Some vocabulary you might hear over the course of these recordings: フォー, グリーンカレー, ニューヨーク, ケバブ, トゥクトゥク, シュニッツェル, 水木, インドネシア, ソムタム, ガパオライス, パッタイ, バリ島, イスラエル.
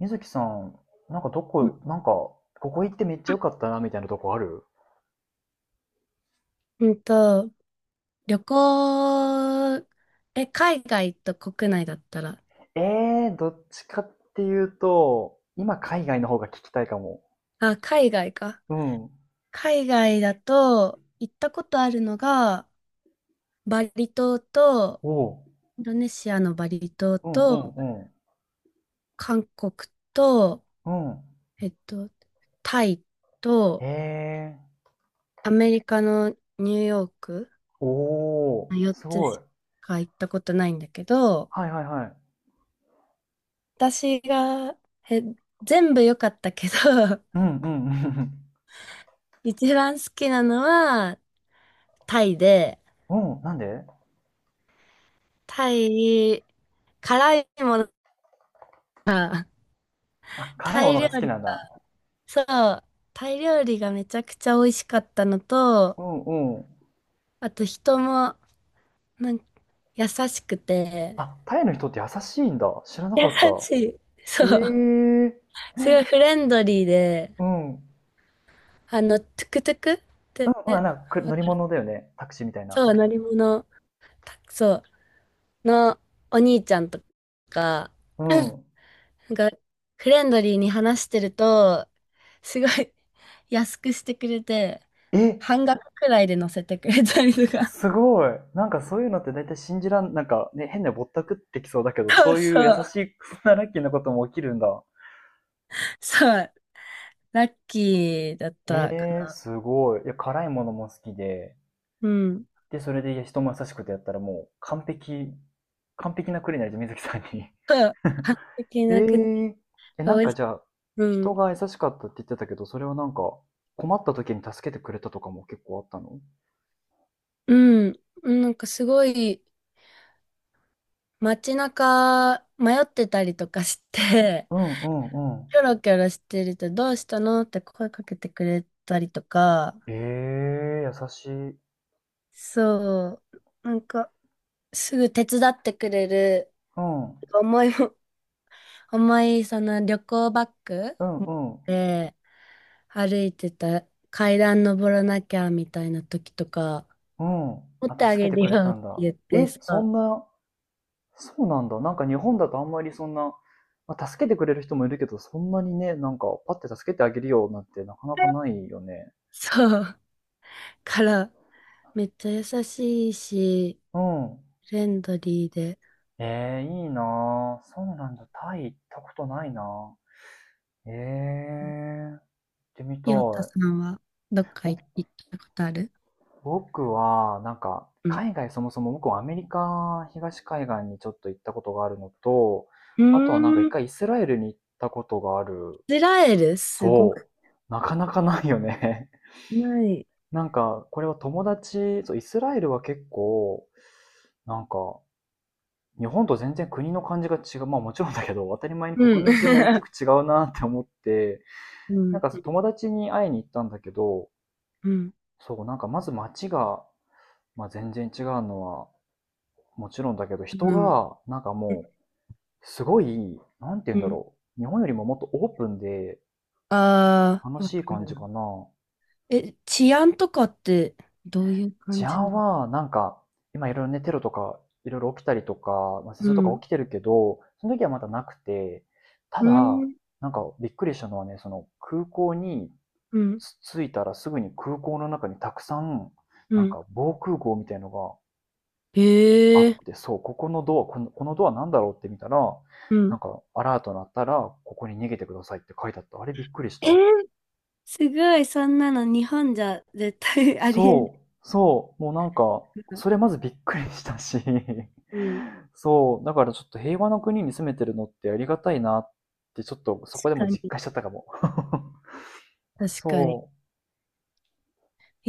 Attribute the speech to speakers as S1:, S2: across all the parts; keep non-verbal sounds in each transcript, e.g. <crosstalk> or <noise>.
S1: 水木さん、なんか
S2: う
S1: ここ行ってめっちゃ良かったな、みたいなとこある？
S2: んと、旅行、海外と国内だったら、
S1: えどっちかっていうと、今海外の方が聞きたいかも。
S2: あ、海外か。
S1: うん。
S2: 海外だと、行ったことあるのが、バリ島と、
S1: おう。
S2: インドネシアのバリ島
S1: うん
S2: と、
S1: うん
S2: 韓国と、
S1: うん。う
S2: えっと、タイ
S1: ん。
S2: と、
S1: えー。
S2: アメリカのニューヨーク、
S1: おー。
S2: 4
S1: す
S2: つ
S1: ごい。
S2: しか行ったことないんだけど、
S1: はいはいはい。
S2: 私が、え、全部良かったけど、<laughs>
S1: うんうんうん。
S2: 一番好きなのは、タイで、
S1: <laughs> うん。なんで？
S2: タイ、辛いものが、
S1: あ、辛い
S2: タ
S1: も
S2: イ
S1: のが
S2: 料
S1: 好き
S2: 理、
S1: なんだ。
S2: そう、タイ料理がめちゃくちゃ美味しかったのと、
S1: うんうん。
S2: あと人も、なんか、優しくて、
S1: あ、タイの人って優しいんだ。知らな
S2: 優
S1: かった。
S2: しい。そ
S1: え
S2: う。
S1: ー。う
S2: すごい
S1: ん。
S2: フレンドリーで、
S1: うんうん。
S2: トゥクトゥクっ
S1: な
S2: て、
S1: んか
S2: わ
S1: 乗り
S2: かる、
S1: 物だよね。タクシーみたいな。
S2: そう、乗り物、たそう、のお兄ちゃんとか、
S1: う
S2: <laughs>
S1: ん。
S2: なんか、フレンドリーに話してると、すごい <laughs> 安くしてくれて、
S1: え、
S2: 半額くらいで乗せてくれたりとか。
S1: すごい。なんかそういうのって大体信じらん、なんかね、変なぼったくってきそうだけ
S2: <laughs>
S1: ど、
S2: そう
S1: そうい
S2: そ
S1: う優し
S2: う。
S1: い、そんなラッキーなことも起きるんだ。
S2: そう。ラッキーだったか
S1: えー
S2: な。
S1: すごい。いや、辛いものも好きで、
S2: うん。
S1: で、それで人も優しくてやったらもう完璧、完璧なクリになるじゃん、水木さんに。
S2: そう。完
S1: <laughs>
S2: 璧な国。
S1: ええ、え、
S2: 美
S1: なん
S2: 味
S1: か
S2: しい。
S1: じゃあ、
S2: う
S1: 人
S2: ん。
S1: が優しかったって言ってたけど、それはなんか、困った時に助けてくれたとかも結構あったの？
S2: うん。なんかすごい街中迷ってたりとかして、
S1: うんうんうん。
S2: キョロキョロしてるとどうしたのって声かけてくれたりとか、
S1: ええー、優しい。
S2: そう。なんか、すぐ手伝ってくれる。
S1: うん。
S2: 重いも、<laughs> 重いその旅行バッグ
S1: うんうん。
S2: で歩いてた階段登らなきゃみたいな時とか、
S1: うん。
S2: 持って
S1: あ、
S2: あ
S1: 助け
S2: げ
S1: て
S2: る
S1: くれ
S2: よ
S1: た
S2: って
S1: んだ。
S2: 言って
S1: え、
S2: さ、
S1: そんな、そうなんだ。なんか日本だとあんまりそんな、まあ、助けてくれる人もいるけど、そんなにね、なんか、パッて助けてあげるよなんてなかなかないよね。
S2: そう。から、めっちゃ優しいし、
S1: うん。
S2: フレンドリーで。
S1: えーいいなぁ。そうなんだ。タイ行ったことないなぁ。えー行ってみたい。
S2: ヨタさんはどっか
S1: ぼ
S2: 行ったことある？
S1: 僕は、なんか、
S2: うん。
S1: 海外そもそも僕はアメリカ東海岸にちょっと行ったことがあるのと、
S2: う
S1: あとはなんか一
S2: ーん、イ
S1: 回イスラエルに行ったことがある。
S2: スラエルすごく
S1: そう。なかなかないよね。<laughs>
S2: ない？
S1: なんか、これは友達、そう、イスラエルは結構、なんか、日本と全然国の感じが違う。まあもちろんだけど、当たり前に
S2: う
S1: 国
S2: ん。
S1: 民性も大きく
S2: <laughs>
S1: 違うなって思って、
S2: う
S1: なん
S2: ん。
S1: かそう友達に会いに行ったんだけど、
S2: うん。
S1: そう、なんかまず街が、まあ、全然違うのはもちろんだけど、人
S2: うん。
S1: が、なんかもう、すごい、なんて言う
S2: う
S1: んだ
S2: ん。
S1: ろう。日本よりももっとオープンで
S2: あ
S1: 楽
S2: あ、わか
S1: しい
S2: る
S1: 感じ
S2: な。
S1: かな。
S2: 治安とかってどういう
S1: 治
S2: 感じな
S1: 安
S2: の？
S1: は、なんか、今いろいろね、テロとか、いろいろ起きたりとか、まあ、戦
S2: う
S1: 争とか
S2: ん。
S1: 起きてるけど、その時はまだなくて、た
S2: う
S1: だ、
S2: ん。
S1: なんかびっくりしたのはね、その空港に
S2: うん。
S1: 着いたらすぐに空港の中にたくさん、
S2: う
S1: なん
S2: ん。
S1: か防空壕みたいのがあ
S2: へえ。
S1: って、そう、このドアなんだろうって見たら、
S2: う
S1: な
S2: ん。
S1: んかアラート鳴ったら、ここに逃げてくださいって書いてあった。あれびっくりし
S2: えー、
S1: た。
S2: すごい、そんなの日本じゃ絶対 <laughs> ありえない
S1: そもうなんか、
S2: から。
S1: それまずびっくりしたし、
S2: うん。
S1: <laughs> そう、だからちょっと平和の国に住めてるのってありがたいなって、ちょっとそこ
S2: 確
S1: でも
S2: か
S1: 実
S2: に。
S1: 感しちゃったかも。<laughs>
S2: 確かに。
S1: そ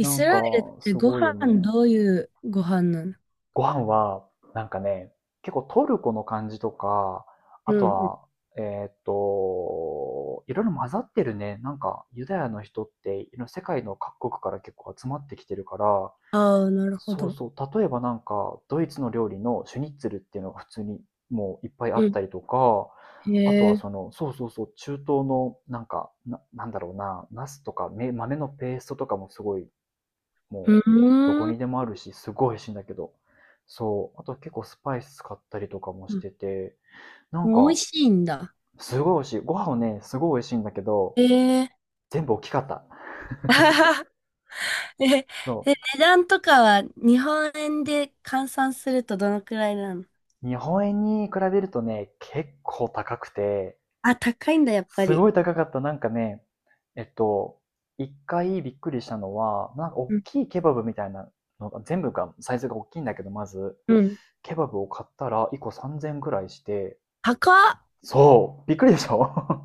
S1: う、な
S2: ス
S1: んか、
S2: ラエルって
S1: す
S2: ご
S1: ごいよ
S2: 飯
S1: ね。
S2: どういうご飯なの？
S1: ご飯は、なんかね、結構トルコの感じとか、
S2: う
S1: あと
S2: んうん。
S1: は、いろいろ混ざってるね。なんか、ユダヤの人って、世界の各国から結構集まってきてるから、
S2: ああ、なるほ
S1: そう
S2: ど。
S1: そう。例えばなんか、ドイツの料理のシュニッツェルっていうのが普通にもういっぱいあ
S2: う
S1: っ
S2: ん。
S1: たりとか、あと
S2: へ
S1: はそ
S2: え。
S1: の、そうそうそう、中東のなんか、なんだろうな、ナスとか豆のペーストとかもすごい、
S2: う
S1: もう、どこ
S2: ーん。
S1: にでもあるし、すごい美味しいんだけど。そう。あと結構スパイス使ったりとかも
S2: う
S1: し
S2: ん、
S1: てて、な
S2: 美
S1: ん
S2: 味
S1: か、
S2: しいんだ。
S1: すごい美味しい。ご飯をね、すごい美味しいんだけど、
S2: へえ。
S1: 全部大きかった。
S2: <laughs> え、で、
S1: そ
S2: 値段とかは日本円で換算するとどのくらいなの？
S1: う。日本円に比べるとね、結構高くて、
S2: あ、高いんだ、やっぱ
S1: す
S2: り。
S1: ごい高かった。なんかね、えっと、1回びっくりしたのは、なんか
S2: う
S1: 大
S2: ん。
S1: きいケバブみたいなのが、全部が、サイズが大きいんだけど、まず、
S2: うん。
S1: ケバブを買ったら1個3000ぐらいして、
S2: 高っ。
S1: そう、びっくりでしょ？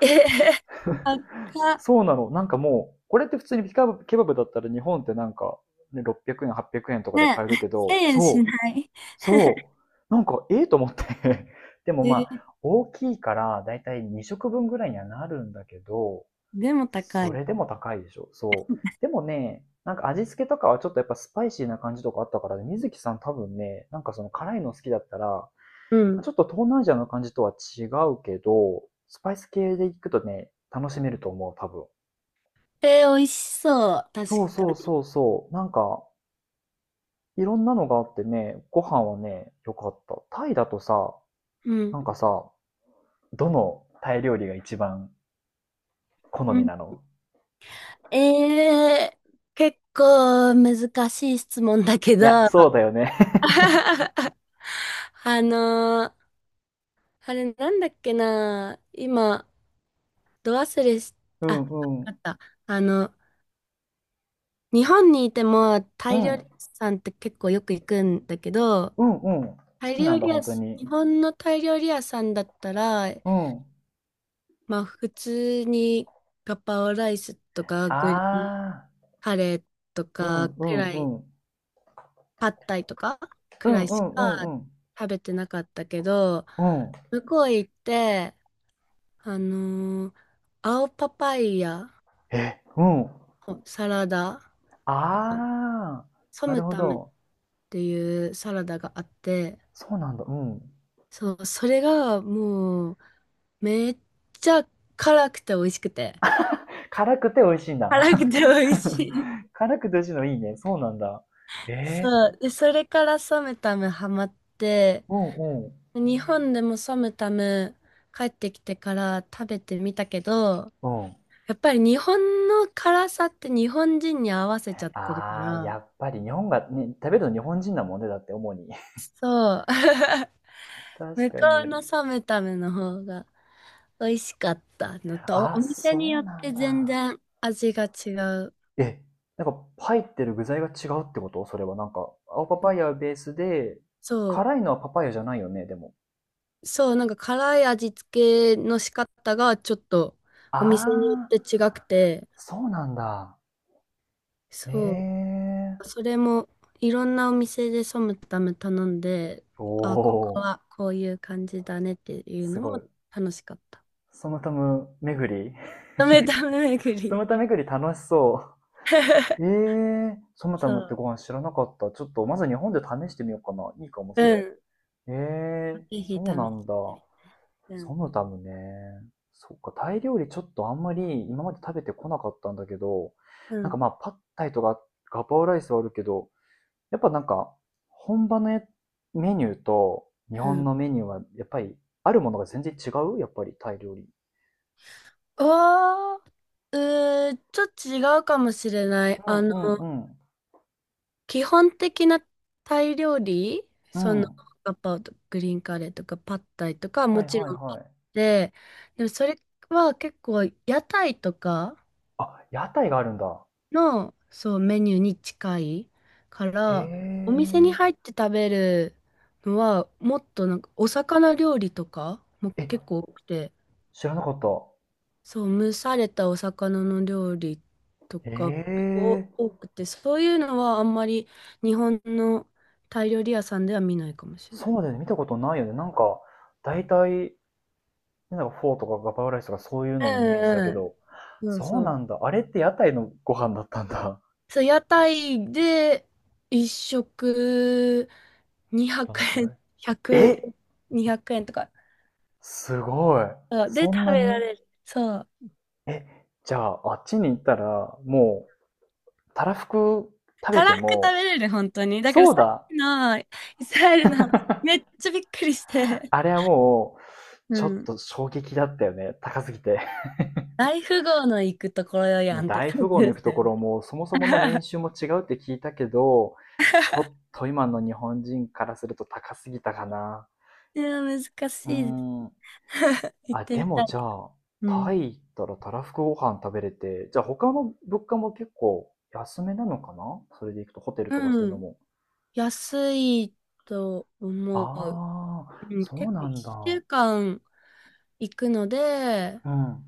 S2: えへへ、高
S1: <laughs>
S2: っ。
S1: そうなの。なんかもう、これって普通にピカブケバブだったら日本ってなんか、ね、600円、800円とかで
S2: ね
S1: 買える
S2: え、
S1: けど、
S2: 1000円しない。
S1: そなんか、ええと思って <laughs> でも
S2: え
S1: ま
S2: ー
S1: あ、大きいから、だいたい2食分ぐらいにはなるんだけど、
S2: でも高
S1: そ
S2: い。
S1: れでも高いでしょ。そう。でもね、なんか味付けとかはちょっとやっぱスパイシーな感じとかあったからね、水木さん多分ね、なんかその辛いの好きだったら、ま
S2: う
S1: あ
S2: ん。
S1: ちょっと東南アジアの感じとは違うけど、スパイス系で行くとね、楽しめると思う、多分。
S2: えー、美味しそう。確
S1: そう
S2: か
S1: そう
S2: に。
S1: そうそう。なんか、いろんなのがあってね、ご飯はね、良かった。タイだとさ、
S2: うん。
S1: なんかさ、どのタイ料理が一番好
S2: う
S1: み
S2: ん。
S1: なの？
S2: 結構難しい質問だけ
S1: い
S2: ど、
S1: や、そうだ
S2: <laughs>
S1: よね。
S2: あのーあれなんだっけな、今、ど忘れし、
S1: <laughs> う
S2: あ、わ
S1: んう
S2: か
S1: ん。
S2: った。あの、日本にいてもタ
S1: う
S2: イ料
S1: ん。
S2: 理屋さんって結構よく行くんだけど、
S1: うんうん。好
S2: タイ
S1: きな
S2: 料
S1: ん
S2: 理
S1: だ、本
S2: 屋
S1: 当
S2: す
S1: に。
S2: 日本のタイ料理屋さんだったら、
S1: うん。
S2: まあ普通にガパオライスとかグリーン
S1: ああ、
S2: カレーと
S1: う
S2: か
S1: んう
S2: くらい、
S1: んうん。
S2: パッタイとか
S1: う
S2: くら
S1: ん
S2: い
S1: う
S2: し
S1: んう
S2: か
S1: んうん。
S2: 食べてなかったけど、
S1: うん。
S2: 向こう行って、あのー青パパイヤ、
S1: え、うん。
S2: サラダ、
S1: ああ、
S2: ソ
S1: なる
S2: ム
S1: ほ
S2: タムっ
S1: ど。
S2: ていうサラダがあって、
S1: そうなんだ。うん。
S2: そう、それがもうめっちゃ辛くて美味しくて。
S1: 辛くて美味しいん
S2: 辛くて美
S1: だ。
S2: 味しい。
S1: <laughs> 辛くて美味しいのいいね。そうなんだ。
S2: <laughs>
S1: え
S2: そう。で、それからソムタムハマって、
S1: ー、うんうん。
S2: 日本でもソムタム帰ってきてから食べてみたけど、
S1: うん。
S2: やっぱり日本の辛さって日本人に合わせちゃってるか
S1: ああ、
S2: ら、
S1: やっぱり日本が、ね、食べるの日本人なもんね、だって主に。
S2: そう。<laughs>
S1: <laughs> 確
S2: 向こ
S1: か
S2: う
S1: に。
S2: のソムタムの方が美味しかったのと、お
S1: あ、
S2: 店に
S1: そ
S2: よ
S1: う
S2: っ
S1: な
S2: て
S1: ん
S2: 全
S1: だ。
S2: 然味が違う。
S1: え、なんか入ってる具材が違うってこと？それはなんか、青パパイヤベースで、
S2: そ
S1: 辛いのはパパイヤじゃないよね、でも。
S2: う、そう、なんか辛い味付けの仕方がちょっと
S1: あ
S2: お店によっ
S1: あ、
S2: て違くて、
S1: そうなんだ。え
S2: そう、
S1: え
S2: それもいろんなお店でソムタム頼んで、
S1: ー。お
S2: あ、ここは
S1: お、
S2: こういう感じだねっていう
S1: す
S2: の
S1: ご
S2: も
S1: い。
S2: 楽しかった。
S1: ソムタム巡り。
S2: ダメダメ巡
S1: <laughs> ソ
S2: り。
S1: ムタ巡り楽しそう。ええ
S2: <laughs>
S1: ー、ソムタ
S2: そ
S1: ムって
S2: う、
S1: ご飯知らなかった。ちょっとまず日本で試してみようかな。いいかも、それ。
S2: うん、ぜ
S1: ええー、
S2: ひ試し
S1: そう
S2: て
S1: なんだ。
S2: みて。うん、
S1: ソムタムね。そっか、タイ料理ちょっとあんまり今まで食べてこなかったんだけど、
S2: う
S1: なんか
S2: ん、
S1: まあ、パッタイとかガパオライスはあるけど、やっぱなんか、本場のメニューと日
S2: う
S1: 本
S2: ん。
S1: のメニューは、やっぱり、あるものが全然違うやっぱり、タイ料理。
S2: ああ、ちょっと違うかもしれない。
S1: うんうんうん。
S2: 基本的なタイ料理、
S1: うん。
S2: ガパオとグリーンカレーとかパッタイとかは
S1: は
S2: も
S1: い
S2: ち
S1: はい
S2: ろんあ
S1: は
S2: っ
S1: い。
S2: て、でもそれは結構屋台とか
S1: あ、屋台があるんだ。
S2: の、そう、メニューに近いから、お
S1: へ
S2: 店に入って食べるのは、もっとなんかお魚料理とかも
S1: え。
S2: 結
S1: え、
S2: 構多くて、
S1: 知らなかった。
S2: そう、蒸されたお魚の料理と
S1: へ
S2: か結
S1: え。
S2: 構多くて、そういうのはあんまり日本のタイ料理屋さんでは見ないかもしれない。
S1: そうだよね。見たことないよね。なんか、大体なんかフォーとかガパオライスとかそういう
S2: う
S1: ののイメージだけ
S2: んうん。
S1: ど、
S2: そう
S1: そう
S2: そ
S1: な
S2: う。
S1: んだ。あれって屋台のご飯だったんだ。
S2: そう、屋台で一食200
S1: どのくら
S2: 円、
S1: い？ <laughs>
S2: 100、
S1: え
S2: 200円とか。
S1: すごい。
S2: そうで、
S1: そん
S2: 食
S1: な
S2: べら
S1: に？
S2: れる。そう。
S1: え、じゃああっちに行ったら、もう、たらふく食べ
S2: た
S1: て
S2: らふく食
S1: も、
S2: べれる、本当に。だから
S1: そう
S2: さっ
S1: だ。
S2: きのイスラエルの話、めっちゃびっくりして。
S1: あれはもう、
S2: う
S1: ちょっ
S2: ん。
S1: と衝撃だったよね。高すぎて。<laughs>
S2: 大富豪の行くところ
S1: も
S2: や
S1: う
S2: んって
S1: 大
S2: 感
S1: 富
S2: じ
S1: 豪の行
S2: で
S1: く
S2: す
S1: と
S2: よ
S1: こ
S2: ね。
S1: ろも、そもそもの年収
S2: <laughs>
S1: も違うって聞いたけど、ちょっと今の日本人からすると高すぎたかな。
S2: いや、難し
S1: うー
S2: いで
S1: ん。
S2: す。<laughs> 行っ
S1: あ、
S2: て
S1: で
S2: み
S1: も
S2: たい。
S1: じゃあ、
S2: う
S1: タ
S2: ん。
S1: イ行ったらたらふくご飯食べれて、じゃあ他の物価も結構安めなのかな？それで行くとホテルとかする
S2: う
S1: の
S2: ん。
S1: も。
S2: 安いと思う。
S1: ああ、
S2: うん。
S1: そ
S2: 結
S1: う
S2: 構
S1: なんだ。
S2: 1週間行くので、
S1: うん。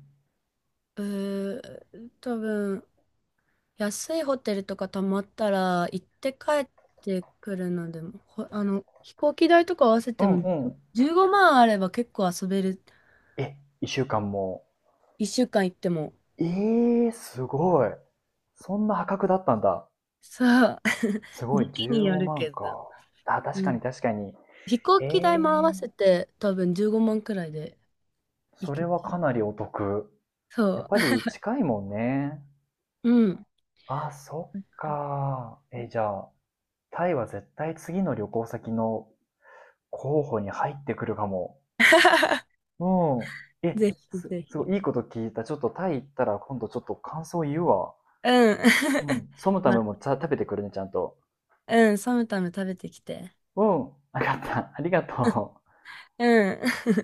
S2: 多分、安いホテルとか泊まったら行って帰ってくるのでも、ほ、あの、飛行機代とか合わせ
S1: う
S2: て
S1: ん
S2: も
S1: うん。
S2: 15万あれば結構遊べる。
S1: え、一週間も？
S2: 1週間行っても。
S1: ええー、すごい。そんな破格だったんだ。
S2: そう。<laughs>
S1: すごい、
S2: 時期に
S1: 15
S2: よる
S1: 万
S2: けど。
S1: か。あ、確
S2: う
S1: かに
S2: ん。
S1: 確かに。
S2: 飛行
S1: え
S2: 機代も合わ
S1: え
S2: せ
S1: ー、
S2: て多分15万くらいで行
S1: それ
S2: けち
S1: はか
S2: う。
S1: なりお得。やっ
S2: そ
S1: ぱり近いもんね。
S2: う。うん。
S1: あ、そ
S2: だ
S1: っ
S2: から
S1: か。え、じゃあ、タイは絶対次の旅行先の候補に入ってくるかも。
S2: <laughs>
S1: うん。え、
S2: ぜひぜ
S1: すご
S2: ひ。
S1: いいいこと聞いた。ちょっとタイ行ったら今度ちょっと感想言うわ。
S2: うん。
S1: う
S2: <laughs>
S1: ん。ソムタ
S2: ま、
S1: ムもちゃ食べてくるね、ちゃんと。
S2: うん、サムタム食べてきて。
S1: うん。わかった。ありがとう。
S2: うん。